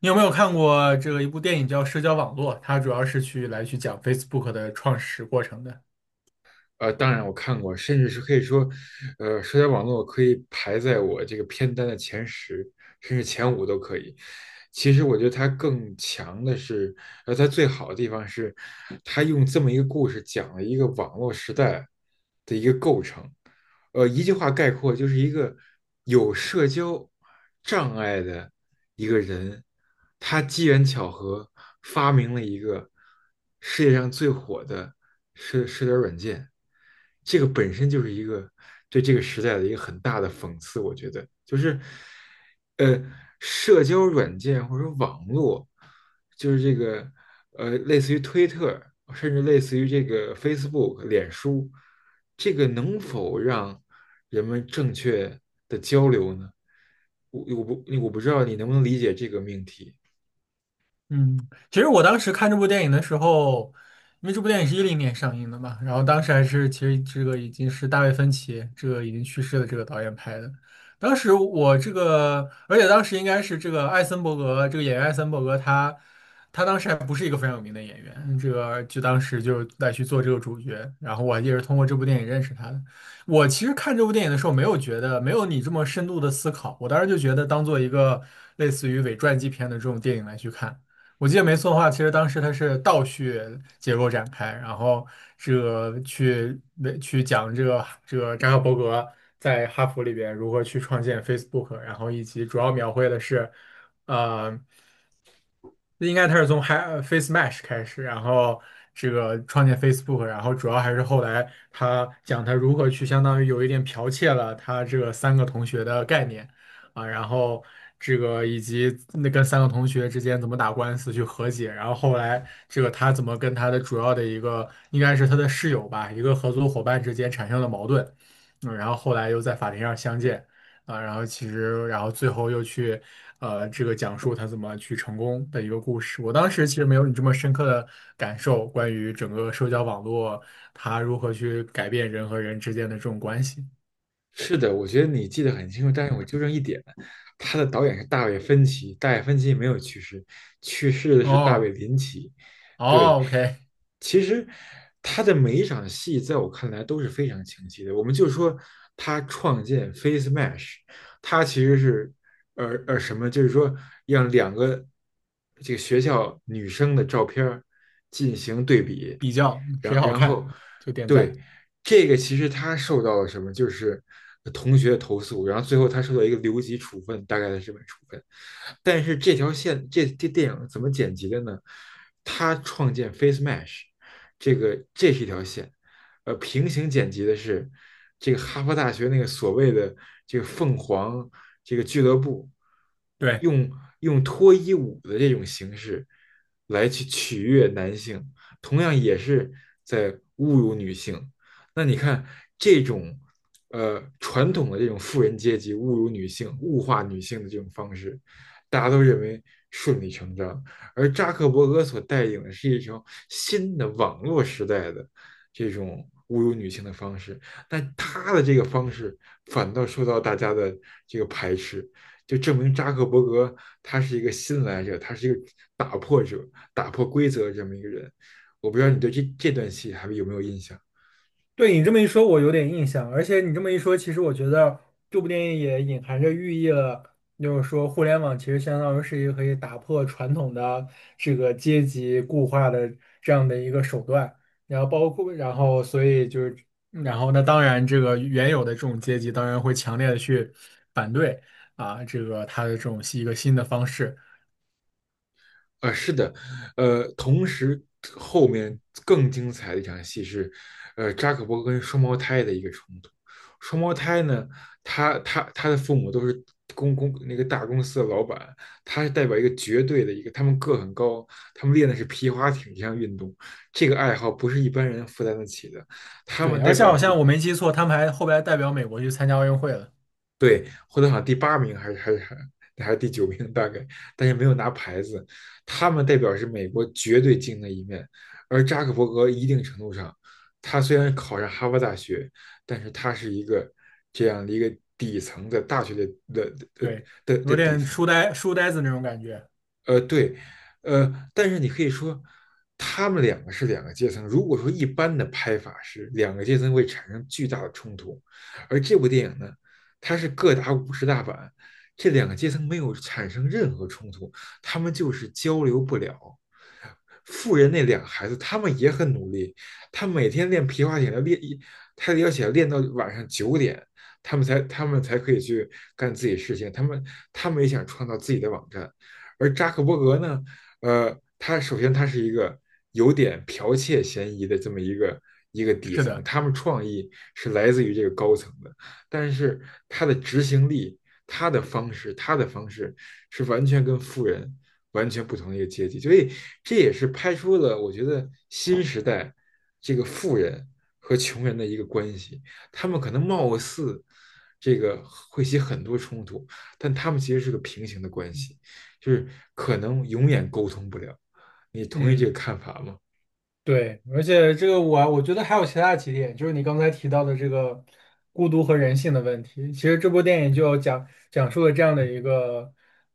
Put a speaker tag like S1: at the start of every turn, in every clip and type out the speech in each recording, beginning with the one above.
S1: 你有没有看过这个一部电影叫《社交网络》？它主要是去来去讲 Facebook 的创始过程的。
S2: 当然我看过，甚至是可以说，社交网络可以排在我这个片单的前10，甚至前5都可以。其实我觉得它更强的是，它最好的地方是，它用这么一个故事讲了一个网络时代的一个构成。一句话概括，就是一个有社交障碍的一个人，他机缘巧合发明了一个世界上最火的社交软件，这个本身就是一个对这个时代的一个很大的讽刺，我觉得就是呃，社交软件或者网络，就是这个类似于推特，甚至类似于这个 Facebook、脸书，这个能否让人们正确的交流呢？我不知道你能不能理解这个命题。
S1: 嗯，其实我当时看这部电影的时候，因为这部电影是10年上映的嘛，然后当时还是其实这个已经是大卫芬奇这个已经去世的这个导演拍的。当时我这个，而且当时应该是这个艾森伯格这个演员艾森伯格他当时还不是一个非常有名的演员，这个就当时就来去做这个主角，然后我也是通过这部电影认识他的。我其实看这部电影的时候，没有觉得没有你这么深度的思考，我当时就觉得当做一个类似于伪传记片的这种电影来去看。我记得没错的话，其实当时它是倒叙结构展开，然后这个去为去讲这个扎克伯格在哈佛里边如何去创建 Facebook，然后以及主要描绘的是，呃，应该他是从 Face Mesh 开始，然后这个创建 Facebook，然后主要还是后来他讲他如何去相当于有一点剽窃了他这个三个同学的概念。啊，然后这个以及那跟三个同学之间怎么打官司去和解，然后后来这个他怎么跟他的主要的一个应该是他的室友吧，一个合作伙伴之间产生了矛盾，嗯，然后后来又在法庭上相见，啊，然后其实然后最后又去这个讲述他怎么去成功的一个故事。我当时其实没有你这么深刻的感受，关于整个社交网络它如何去改变人和人之间的这种关系。
S2: 是的，我觉得你记得很清楚，但是我纠正一点，他的导演是大卫芬奇，大卫芬奇没有去世，去世的是大卫
S1: 哦
S2: 林奇。对，
S1: 哦，OK。
S2: 其实他的每一场戏，在我看来都是非常清晰的。我们就说他创建 Face Mesh，他其实是什么，就是说让两个这个学校女生的照片进行对比，
S1: 比较
S2: 然
S1: 谁好
S2: 然
S1: 看
S2: 后，
S1: 就点赞。
S2: 对这个其实他受到了什么，就是同学投诉，然后最后他受到一个留级处分，大概的这么处分。但是这条线，这电影怎么剪辑的呢？他创建 Face Mesh，这个这是一条线，平行剪辑的是这个哈佛大学那个所谓的这个凤凰这个俱乐部，
S1: 对，
S2: 用用脱衣舞的这种形式来去取悦男性。同样也是在侮辱女性。那你看这种传统的这种富人阶级侮辱女性、物化女性的这种方式，大家都认为顺理成章。而扎克伯格所带领的是一种新的网络时代的这种侮辱女性的方式，但他的这个方式反倒受到大家的这个排斥，就证明扎克伯格他是一个新来者，他是一个打破者、打破规则这么一个人。我不知道你对这段戏还有没有印象？
S1: 对你这么一说，我有点印象。而且你这么一说，其实我觉得这部电影也隐含着寓意了，就是说互联网其实相当于是一个可以打破传统的这个阶级固化的这样的一个手段。然后包括，然后所以就是，然后那当然这个原有的这种阶级当然会强烈的去反对啊，这个他的这种是一个新的方式。
S2: 啊？是的，同时后面更精彩的一场戏是，扎克伯格跟双胞胎的一个冲突。双胞胎呢，他的父母都是那个大公司的老板，他是代表一个绝对的一个，他们个很高，他们练的是皮划艇这项运动，这个爱好不是一般人负担得起的，他
S1: 对，
S2: 们
S1: 而
S2: 代
S1: 且
S2: 表
S1: 好
S2: 这个
S1: 像我没记错，他们还后来代表美国去参加奥运会了。
S2: 对，获得好像第八名还是第九名大概，但是没有拿牌子。他们代表是美国绝对精英的一面，而扎克伯格一定程度上，他虽然考上哈佛大学，但是他是一个这样的一个底层的大学的的的
S1: 对，
S2: 的的
S1: 有
S2: 底
S1: 点
S2: 层，
S1: 书呆子那种感觉。
S2: 对，但是你可以说，他们两个是两个阶层。如果说一般的拍法是两个阶层会产生巨大的冲突，而这部电影呢，它是各打五十大板，这两个阶层没有产生任何冲突，他们就是交流不了。富人那2个孩子，他们也很努力，他每天练皮划艇要练一，他要想练到晚上9点，他们才可以去干自己事情，他们也想创造自己的网站。而扎克伯格呢，他首先他是一个有点剽窃嫌疑的这么一个一个底
S1: 是
S2: 层，
S1: 的，
S2: 他们创意是来自于这个高层的，但是他的执行力、他的方式是完全跟富人完全不同的一个阶级，所以这也是拍出了我觉得新时代这个富人和穷人的一个关系，他们可能貌似这个会起很多冲突，但他们其实是个平行的关系。就是可能永远沟通不了。你同意这个
S1: 嗯。
S2: 看法吗？
S1: 对，而且这个我觉得还有其他几点，就是你刚才提到的这个孤独和人性的问题。其实这部电影就有讲述了这样的一个，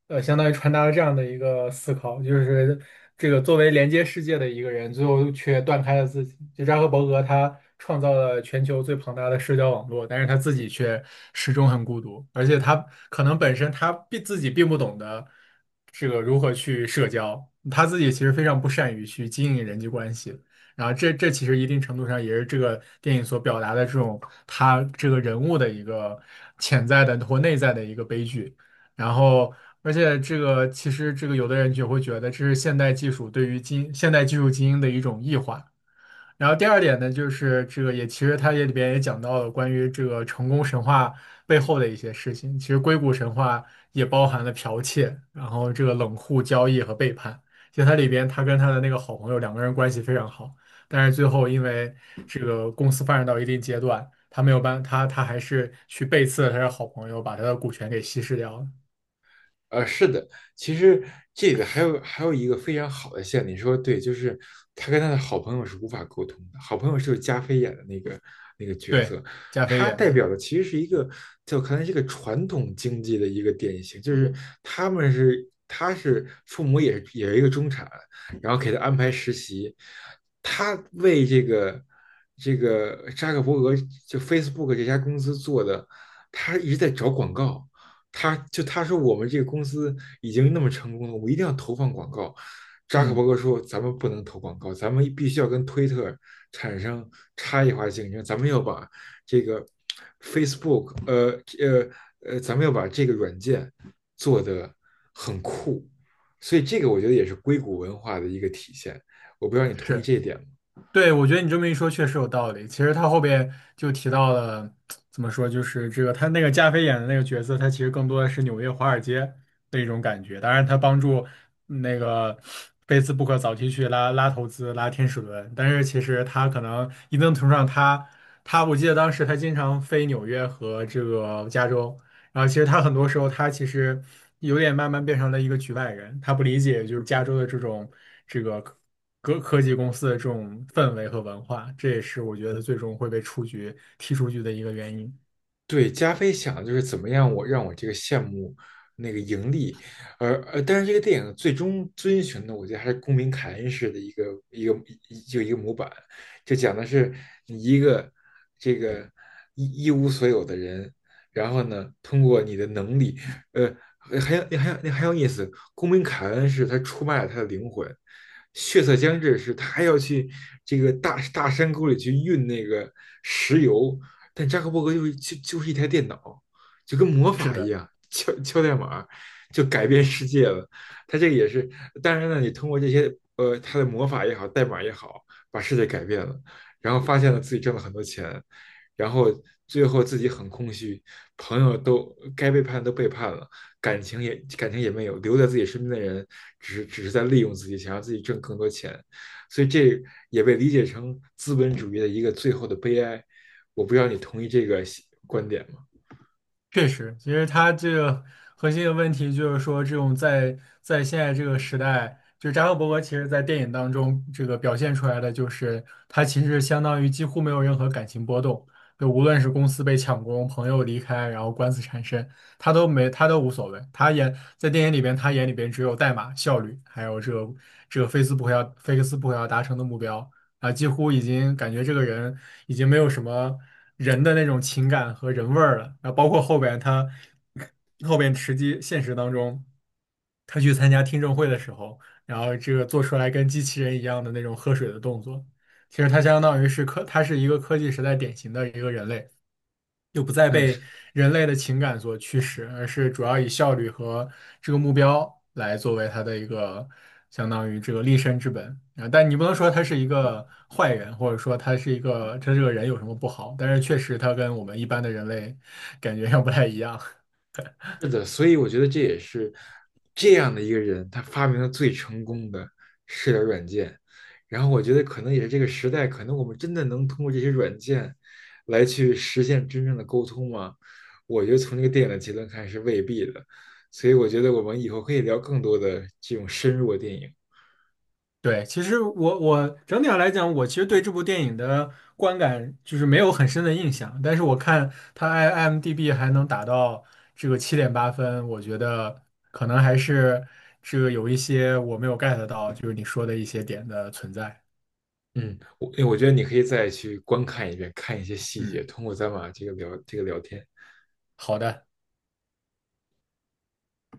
S1: 相当于传达了这样的一个思考，就是这个作为连接世界的一个人，最后却断开了自己。就扎克伯格他创造了全球最庞大的社交网络，但是他自己却始终很孤独，而且他可能本身他并自己并不懂得这个如何去社交，他自己其实非常不善于去经营人际关系。然后这其实一定程度上也是这个电影所表达的这种他这个人物的一个潜在的或内在的一个悲剧。然后，而且这个其实这个有的人就会觉得这是现代技术对于现代技术精英的一种异化。然后第二点呢，就是这个也其实他也里边也讲到了关于这个成功神话背后的一些事情。其实硅谷神话也包含了剽窃，然后这个冷酷交易和背叛。其实他里边他跟他的那个好朋友两个人关系非常好，但是最后因为这个公司发展到一定阶段，他没有办他他还是去背刺了他的好朋友，把他的股权给稀释掉了。
S2: 是的，其实这个还有一个非常好的线，你说对，就是他跟他的好朋友是无法沟通的。好朋友就是加菲演的那个角
S1: 对，
S2: 色，
S1: 加菲
S2: 他
S1: 演
S2: 代
S1: 的，
S2: 表的其实是一个在我看来是个传统经济的一个典型，就是他是父母也是一个中产，然后给他安排实习，他为这个扎克伯格就 Facebook 这家公司做的，他一直在找广告。他说我们这个公司已经那么成功了，我一定要投放广告。扎克
S1: 嗯，
S2: 伯格说：“咱们不能投广告，咱们必须要跟推特产生差异化竞争，咱们要把这个 Facebook，咱们要把这个软件做得很酷。”所以这个我觉得也是硅谷文化的一个体现。我不知道你同意
S1: 是。
S2: 这一点吗？
S1: 对，我觉得你这么一说确实有道理。其实他后边就提到了，怎么说，就是这个他那个加菲演的那个角色，他其实更多的是纽约华尔街的一种感觉。当然，他帮助那个 Facebook 早期去拉投资、拉天使轮，但是其实他可能一定程度上他，我记得当时他经常飞纽约和这个加州，然后其实他很多时候他其实有点慢慢变成了一个局外人，他不理解就是加州的这种这个科科技公司的这种氛围和文化，这也是我觉得他最终会被踢出局的一个原因。
S2: 对，加菲想的就是怎么样我让我这个项目那个盈利，而但是这个电影最终遵循的，我觉得还是公民凯恩式的一个一个模板，就讲的是你一个这个一无所有的人，然后呢，通过你的能力，呃，还有意思，公民凯恩是他出卖了他的灵魂，血色将至是他还要去这个山沟里去运那个石油。但扎克伯格就是是一台电脑，就跟魔
S1: 是
S2: 法一
S1: 的。
S2: 样，敲敲代码就改变世界了。他这个也是，当然呢，你通过这些他的魔法也好，代码也好，把世界改变了，然后发现了自己挣了很多钱，然后最后自己很空虚，朋友都该背叛都背叛了，感情也没有，留在自己身边的人只是在利用自己，想让自己挣更多钱。所以这也被理解成资本主义的一个最后的悲哀，我不知道你同意这个观点吗？
S1: 确实，其实它这个核心的问题就是说，这种在现在这个时代，就扎克伯格其实在电影当中这个表现出来的，就是他其实相当于几乎没有任何感情波动，就无论是公司被抢功、朋友离开，然后官司缠身，他都无所谓。在电影里边，他眼里边只有代码、效率，还有这个菲克斯不可要达成的目标。啊，几乎已经感觉这个人已经没有什么人的那种情感和人味儿了。啊，包括后边现实当中，他去参加听证会的时候，然后这个做出来跟机器人一样的那种喝水的动作，其实他相当于是，他是一个科技时代典型的一个人类。又不再
S2: 嗯，
S1: 被
S2: 是
S1: 人类的情感所驱使，而是主要以效率和这个目标来作为他的一个相当于这个立身之本啊。但你不能说他是一个坏人，或者说他是一个他这个人有什么不好，但是确实他跟我们一般的人类感觉要不太一样。
S2: 的，所以我觉得这也是这样的一个人，他发明了最成功的社交软件。然后我觉得可能也是这个时代，可能我们真的能通过这些软件来去实现真正的沟通吗？我觉得从这个电影的结论看是未必的。所以我觉得我们以后可以聊更多的这种深入的电影。
S1: 对，其实我整体上来讲，我其实对这部电影的观感就是没有很深的印象，但是我看它 IMDB 还能打到这个7.8分，我觉得可能还是这个有一些我没有 get 到，就是你说的一些点的存在。
S2: 嗯，我觉得你可以再去观看一遍，看一些细节，
S1: 嗯，
S2: 通过咱俩这个聊聊天。
S1: 好的。